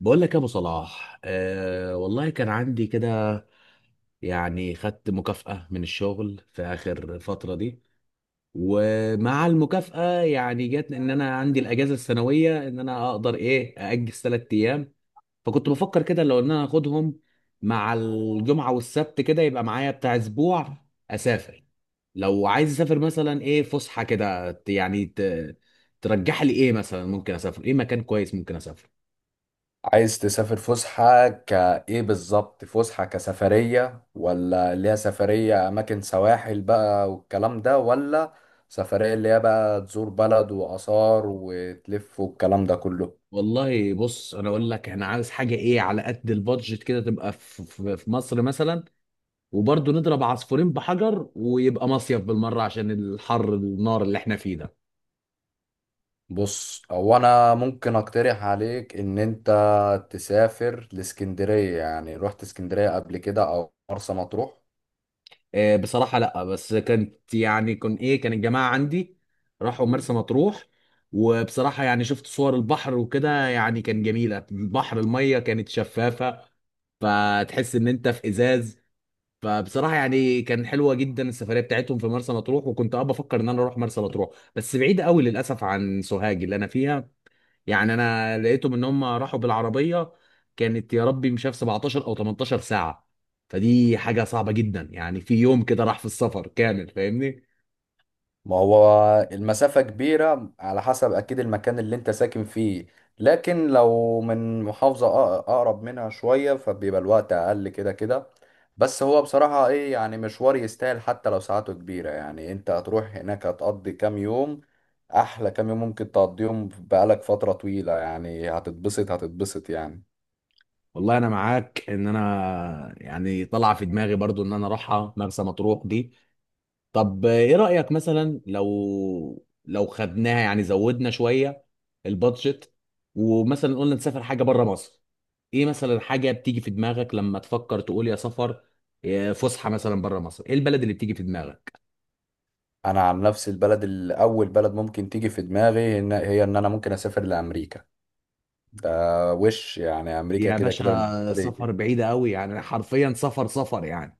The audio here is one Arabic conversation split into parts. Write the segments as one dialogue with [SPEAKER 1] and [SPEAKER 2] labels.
[SPEAKER 1] بقول لك يا ابو صلاح، آه والله كان عندي كده. يعني خدت مكافأة من الشغل في اخر فترة دي، ومع المكافأة يعني جت ان انا عندي الاجازة السنوية ان انا اقدر ايه ااجل ثلاث ايام. فكنت بفكر كده لو ان انا اخدهم مع الجمعة والسبت كده يبقى معايا بتاع اسبوع، اسافر. لو عايز اسافر مثلا ايه فسحة كده ترجح لي ايه مثلا، ممكن اسافر ايه مكان كويس ممكن اسافر.
[SPEAKER 2] عايز تسافر فسحة كإيه بالظبط؟ فسحة كسفرية، ولا اللي هي سفرية أماكن سواحل بقى والكلام ده، ولا سفرية اللي هي بقى تزور بلد وآثار وتلف والكلام ده كله؟
[SPEAKER 1] والله بص انا اقول لك احنا عاوز حاجه ايه على قد البادجت كده، تبقى في مصر مثلا، وبرضه نضرب عصفورين بحجر ويبقى مصيف بالمره عشان الحر النار اللي احنا فيه ده.
[SPEAKER 2] بص، هو أنا ممكن أقترح عليك إن أنت تسافر لإسكندرية. يعني رحت إسكندرية قبل كده أو مرسى مطروح؟
[SPEAKER 1] بصراحه لا، بس كانت يعني كان ايه كان الجماعه عندي راحوا مرسى مطروح، وبصراحه يعني شفت صور البحر وكده يعني كان جميله، البحر الميه كانت شفافه فتحس ان انت في ازاز. فبصراحة يعني كان حلوة جدا السفرية بتاعتهم في مرسى مطروح، وكنت بفكر ان انا اروح مرسى مطروح. بس بعيدة قوي للاسف عن سوهاج اللي انا فيها. يعني انا لقيتهم ان هم راحوا بالعربية، كانت يا ربي مش عارف 17 او 18 ساعة، فدي حاجة صعبة جدا يعني، في يوم كده راح في السفر كامل فاهمني.
[SPEAKER 2] ما هو المسافة كبيرة على حسب أكيد المكان اللي أنت ساكن فيه، لكن لو من محافظة أقرب منها شوية فبيبقى الوقت أقل كده كده. بس هو بصراحة إيه، يعني مشوار يستاهل حتى لو ساعاته كبيرة. يعني أنت هتروح هناك هتقضي كام يوم، أحلى كام يوم ممكن تقضيهم بقالك فترة طويلة، يعني هتتبسط يعني.
[SPEAKER 1] والله انا معاك ان انا يعني طلع في دماغي برضو ان انا اروحها مرسى مطروح دي. طب ايه رأيك مثلا لو خدناها يعني زودنا شوية البادجت، ومثلا قلنا نسافر حاجة بره مصر، ايه مثلا حاجة بتيجي في دماغك لما تفكر تقول يا سفر يا فسحة مثلا بره مصر، ايه البلد اللي بتيجي في دماغك؟
[SPEAKER 2] أنا عن نفسي البلد الأول بلد ممكن تيجي في دماغي إن- هي إن أنا ممكن أسافر لأمريكا ده. وش يعني امريكا
[SPEAKER 1] يا
[SPEAKER 2] كده كده،
[SPEAKER 1] باشا
[SPEAKER 2] بالنسبه لي.
[SPEAKER 1] سفر بعيدة قوي، يعني حرفيا سفر سفر يعني،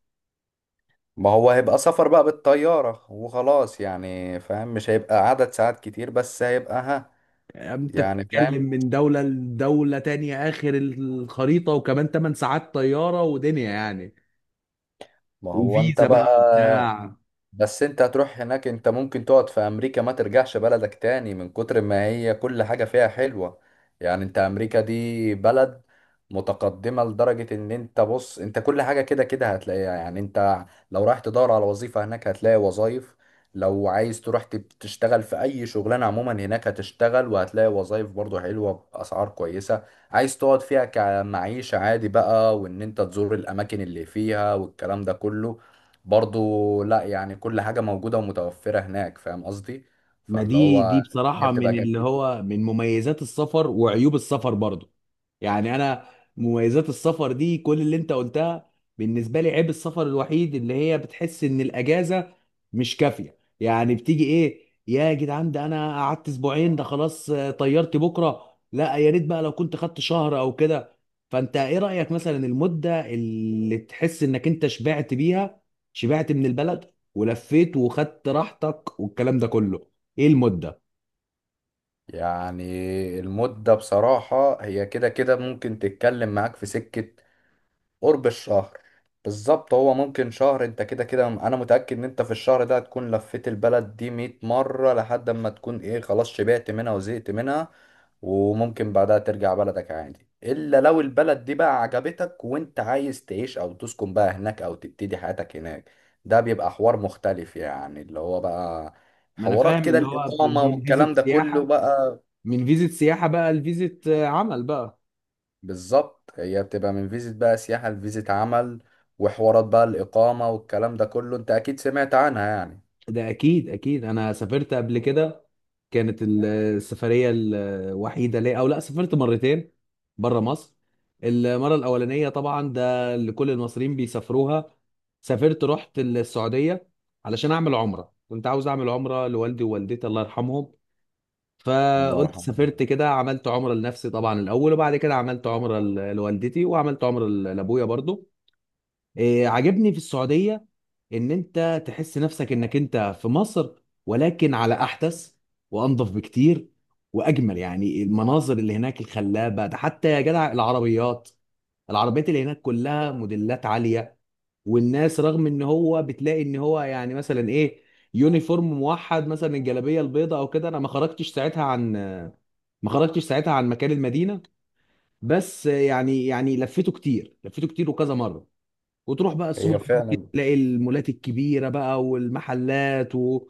[SPEAKER 2] ما هو هيبقى سفر بقى بالطياره وخلاص، يعني فاهم، مش هيبقى عدد ساعات كتير بس هيبقى ها.
[SPEAKER 1] انت
[SPEAKER 2] يعني
[SPEAKER 1] بتتكلم
[SPEAKER 2] فاهم،
[SPEAKER 1] من دولة لدولة تانية اخر الخريطة، وكمان 8 ساعات طيارة ودنيا يعني.
[SPEAKER 2] ما هو انت
[SPEAKER 1] وفيزا بقى
[SPEAKER 2] بقى.
[SPEAKER 1] وبتاع.
[SPEAKER 2] بس انت هتروح هناك، انت ممكن تقعد في امريكا ما ترجعش بلدك تاني من كتر ما هي كل حاجة فيها حلوة. يعني انت امريكا دي بلد متقدمة لدرجة ان انت، بص، انت كل حاجة كده كده هتلاقيها. يعني انت لو رايح تدور على وظيفة هناك هتلاقي وظائف، لو عايز تروح تشتغل في اي شغلانة عموما هناك هتشتغل وهتلاقي وظائف برضو حلوة باسعار كويسة. عايز تقعد فيها كمعيشة عادي بقى، وان انت تزور الاماكن اللي فيها والكلام ده كله برضو، لا يعني كل حاجة موجودة ومتوفرة هناك، فاهم قصدي؟
[SPEAKER 1] ما
[SPEAKER 2] فاللي
[SPEAKER 1] دي
[SPEAKER 2] هو هي
[SPEAKER 1] بصراحة
[SPEAKER 2] بتبقى
[SPEAKER 1] من اللي
[SPEAKER 2] جميلة
[SPEAKER 1] هو من مميزات السفر وعيوب السفر برضو. يعني أنا، مميزات السفر دي كل اللي أنت قلتها. بالنسبة لي عيب السفر الوحيد اللي هي بتحس إن الأجازة مش كافية، يعني بتيجي إيه يا جدعان ده أنا قعدت أسبوعين ده خلاص؟ طيرت بكرة، لا يا ريت بقى لو كنت خدت شهر أو كده. فأنت إيه رأيك مثلا المدة اللي تحس إنك أنت شبعت بيها، شبعت من البلد ولفيت وخدت راحتك والكلام ده كله، ايه المده؟
[SPEAKER 2] يعني. المدة بصراحة هي كده كده ممكن تتكلم معاك في سكة قرب الشهر. بالظبط، هو ممكن شهر. انت كده كده انا متأكد ان انت في الشهر ده هتكون لفيت البلد دي 100 مرة لحد ما تكون ايه، خلاص شبعت منها وزهقت منها. وممكن بعدها ترجع بلدك عادي، الا لو البلد دي بقى عجبتك وانت عايز تعيش او تسكن بقى هناك، او تبتدي حياتك هناك. ده بيبقى حوار مختلف، يعني اللي هو بقى
[SPEAKER 1] ما انا
[SPEAKER 2] حوارات
[SPEAKER 1] فاهم
[SPEAKER 2] كده
[SPEAKER 1] اللي هو
[SPEAKER 2] الإقامة
[SPEAKER 1] من فيزة
[SPEAKER 2] والكلام ده كله
[SPEAKER 1] سياحه،
[SPEAKER 2] بقى.
[SPEAKER 1] من فيزة سياحه بقى لفيزة عمل بقى.
[SPEAKER 2] بالظبط، هي بتبقى من فيزة بقى سياحة لفيزة عمل. وحوارات بقى الإقامة والكلام ده كله أنت أكيد سمعت عنها يعني.
[SPEAKER 1] ده اكيد اكيد، انا سافرت قبل كده. كانت السفريه الوحيده ليا، او لا سافرت مرتين بره مصر. المره الاولانيه طبعا ده اللي كل المصريين بيسافروها، سافرت رحت السعوديه علشان اعمل عمره، كنت عاوز اعمل عمره لوالدي ووالدتي الله يرحمهم.
[SPEAKER 2] الله
[SPEAKER 1] فقلت
[SPEAKER 2] يرحمه.
[SPEAKER 1] سافرت كده، عملت عمرة لنفسي طبعا الأول وبعد كده عملت عمرة لوالدتي وعملت عمرة لأبويا برضو. إيه، عاجبني في السعودية ان انت تحس نفسك انك انت في مصر، ولكن على احدث وانظف بكتير واجمل. يعني المناظر اللي هناك الخلابة ده، حتى يا جدع العربيات، العربيات اللي هناك كلها موديلات عالية. والناس رغم ان هو بتلاقي ان هو يعني مثلا ايه يونيفورم موحد مثلا الجلابية البيضاء او كده. انا ما خرجتش ساعتها عن مكان المدينة، بس يعني لفيته كتير، لفيته كتير وكذا مرة. وتروح بقى
[SPEAKER 2] هي
[SPEAKER 1] السوبر ماركت
[SPEAKER 2] فعلا.
[SPEAKER 1] تلاقي المولات الكبيره بقى والمحلات و...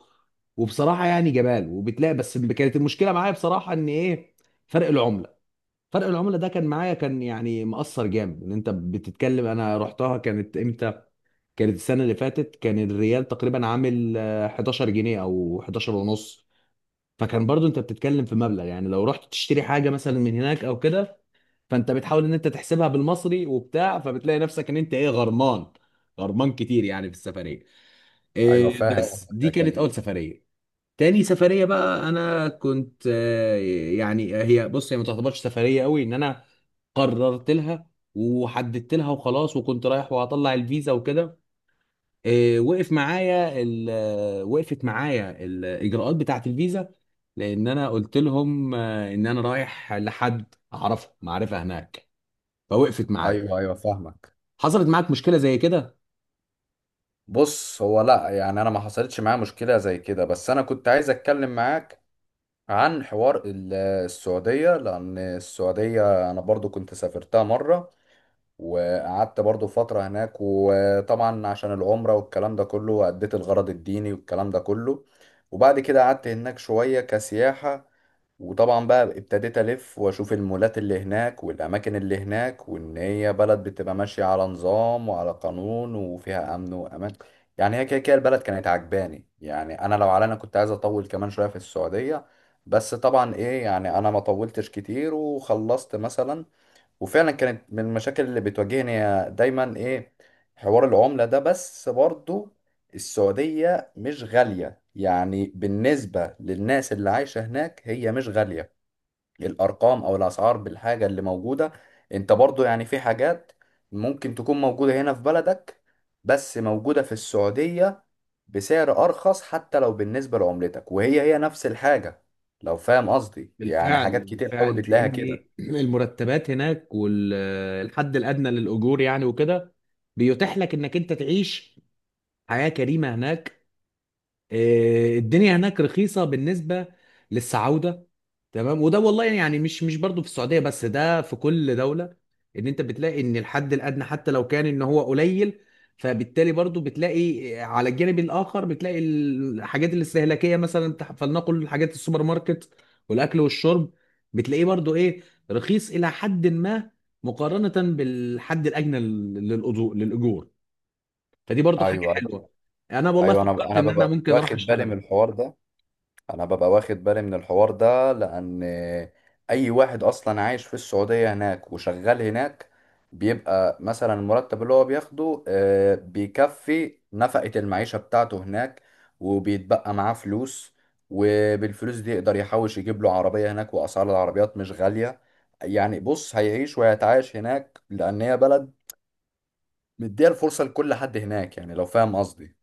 [SPEAKER 1] وبصراحه يعني جمال، وبتلاقي بس كانت المشكله معايا بصراحه ان ايه، فرق العمله. فرق العمله ده كان معايا، كان يعني مأثر جامد. ان انت بتتكلم، انا رحتها كانت امتى؟ كانت السنه اللي فاتت، كان الريال تقريبا عامل 11 جنيه او 11 ونص. فكان برضو انت بتتكلم في مبلغ، يعني لو رحت تشتري حاجه مثلا من هناك او كده، فانت بتحاول ان انت تحسبها بالمصري وبتاع، فبتلاقي نفسك ان انت ايه، غرمان، غرمان كتير يعني في السفريه.
[SPEAKER 2] أيوه
[SPEAKER 1] إيه،
[SPEAKER 2] فاهم
[SPEAKER 1] بس
[SPEAKER 2] قصدك
[SPEAKER 1] دي كانت
[SPEAKER 2] أكيد.
[SPEAKER 1] اول سفريه. تاني سفريه بقى انا كنت يعني هي بص هي ما تعتبرش سفريه قوي. ان انا قررت لها وحددت لها وخلاص، وكنت رايح وهطلع الفيزا وكده. إيه، وقفت معايا الاجراءات بتاعه الفيزا، لان انا قلت لهم ان انا رايح لحد اعرفه معرفه هناك، فوقفت معايا.
[SPEAKER 2] أيوه أيوه فاهمك.
[SPEAKER 1] حصلت معاك مشكلة زي كده؟
[SPEAKER 2] بص هو لأ، يعني أنا ما حصلتش معايا مشكلة زي كده، بس أنا كنت عايز أتكلم معاك عن حوار السعودية. لأن السعودية أنا برضو كنت سافرتها مرة، وقعدت برضو فترة هناك، وطبعا عشان العمرة والكلام ده كله أديت الغرض الديني والكلام ده كله. وبعد كده قعدت هناك شوية كسياحة، وطبعا بقى ابتديت ألف وأشوف المولات اللي هناك والأماكن اللي هناك، وإن هي بلد بتبقى ماشية على نظام وعلى قانون وفيها أمن وأمان. يعني هي كده كده البلد كانت عجباني. يعني أنا لو على أنا، كنت عايز أطول كمان شوية في السعودية، بس طبعا إيه يعني، أنا ما طولتش كتير وخلصت مثلا. وفعلا كانت من المشاكل اللي بتواجهني هي دايما ايه، حوار العملة ده. بس برضو السعودية مش غالية، يعني بالنسبة للناس اللي عايشة هناك هي مش غالية الأرقام أو الأسعار بالحاجة اللي موجودة. انت برضو يعني في حاجات ممكن تكون موجودة هنا في بلدك بس موجودة في السعودية بسعر أرخص حتى لو بالنسبة لعملتك، وهي هي نفس الحاجة، لو فاهم قصدي. يعني
[SPEAKER 1] بالفعل
[SPEAKER 2] حاجات كتير قوي
[SPEAKER 1] بالفعل،
[SPEAKER 2] بتلاقيها كده.
[SPEAKER 1] لان المرتبات هناك والحد الادنى للاجور يعني وكده بيتيح لك انك انت تعيش حياه كريمه هناك. الدنيا هناك رخيصة بالنسبة للسعودة. تمام، وده والله يعني مش برضو في السعودية بس، ده في كل دولة. ان انت بتلاقي ان الحد الادنى حتى لو كان ان هو قليل، فبالتالي برضو بتلاقي على الجانب الاخر، بتلاقي الحاجات الاستهلاكية مثلا فلنقل حاجات السوبر ماركت والاكل والشرب، بتلاقيه برضو ايه، رخيص الى حد ما مقارنة بالحد الاجنى للأجور. فدي برضو حاجة
[SPEAKER 2] ايوه أيوه.
[SPEAKER 1] حلوة. انا والله
[SPEAKER 2] ايوه،
[SPEAKER 1] فكرت
[SPEAKER 2] انا
[SPEAKER 1] ان انا
[SPEAKER 2] ببقى
[SPEAKER 1] ممكن اروح
[SPEAKER 2] واخد بالي
[SPEAKER 1] اشتغل.
[SPEAKER 2] من الحوار ده. انا ببقى واخد بالي من الحوار ده لان اي واحد اصلا عايش في السعوديه هناك وشغال هناك بيبقى مثلا المرتب اللي هو بياخده بيكفي نفقه المعيشه بتاعته هناك، وبيتبقى معاه فلوس. وبالفلوس دي يقدر يحوش يجيب له عربيه، هناك واسعار العربيات مش غاليه. يعني بص، هيعيش وهيتعايش هناك لان هي بلد مديها الفرصه لكل حد هناك، يعني لو فاهم قصدي.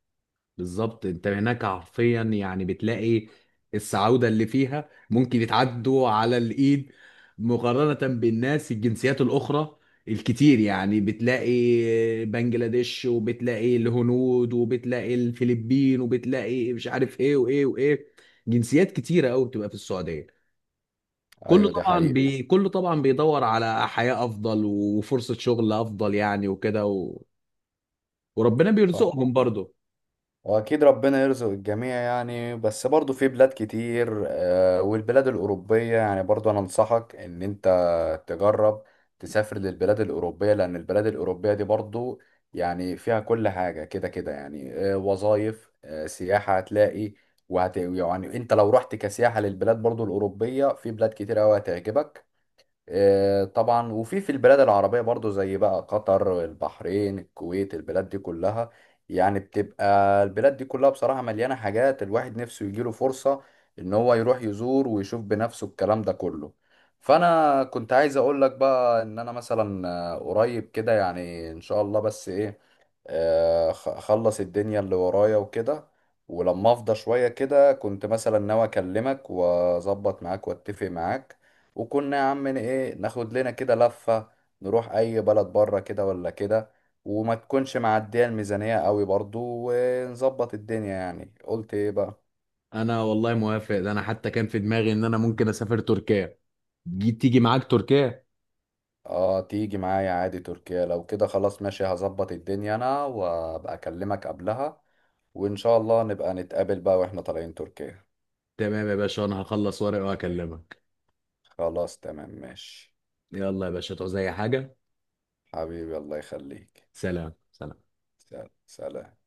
[SPEAKER 1] بالظبط، انت هناك حرفيا يعني بتلاقي السعودة اللي فيها ممكن يتعدوا على الايد مقارنة بالناس الجنسيات الاخرى الكتير. يعني بتلاقي بنجلاديش وبتلاقي الهنود وبتلاقي الفلبين وبتلاقي مش عارف ايه وايه وايه، جنسيات كتيرة قوي بتبقى في السعودية. كله
[SPEAKER 2] ايوه دي
[SPEAKER 1] طبعا
[SPEAKER 2] حقيقه.
[SPEAKER 1] كله طبعا بيدور على حياة افضل وفرصة شغل افضل يعني وكده و... وربنا بيرزقهم برضه.
[SPEAKER 2] واكيد ربنا يرزق الجميع يعني، بس برضو في بلاد كتير، والبلاد الاوروبيه يعني برضو، انا انصحك ان انت تجرب تسافر للبلاد الاوروبيه، لان البلاد الاوروبيه دي برضو يعني فيها كل حاجه كده كده يعني. وظايف، سياحه هتلاقي. وهت يعني انت لو رحت كسياحه للبلاد برضو الاوروبيه في بلاد كتير قوي هتعجبك. طبعا، وفي البلاد العربية برضو زي بقى قطر، البحرين، الكويت، البلاد دي كلها يعني بتبقى. البلاد دي كلها بصراحة مليانة حاجات الواحد نفسه يجيله فرصة ان هو يروح يزور ويشوف بنفسه الكلام ده كله. فانا كنت عايز اقول لك بقى ان انا مثلا قريب كده يعني ان شاء الله، بس ايه، خلص الدنيا اللي ورايا وكده، ولما افضى شوية كده كنت مثلا ناوي اكلمك واظبط معاك واتفق معاك. وكنا يا عم ن- ايه ناخد لنا كده لفة، نروح اي بلد بره كده ولا كده، وما تكونش معدية الميزانية قوي برضو، ونظبط الدنيا. يعني قلت ايه بقى؟
[SPEAKER 1] انا والله موافق، ده انا حتى كان في دماغي ان انا ممكن اسافر تركيا. جي تيجي معاك تركيا؟
[SPEAKER 2] اه تيجي معايا عادي تركيا. لو كده خلاص ماشي، هظبط الدنيا انا وابقى اكلمك قبلها، وان شاء الله نبقى نتقابل بقى واحنا طالعين تركيا.
[SPEAKER 1] تمام يا باشا، انا هخلص ورق واكلمك.
[SPEAKER 2] خلاص تمام ماشي.
[SPEAKER 1] يلا يا باشا، تعوز اي حاجة؟
[SPEAKER 2] حبيبي الله يخليك.
[SPEAKER 1] سلام سلام.
[SPEAKER 2] سلام سلام.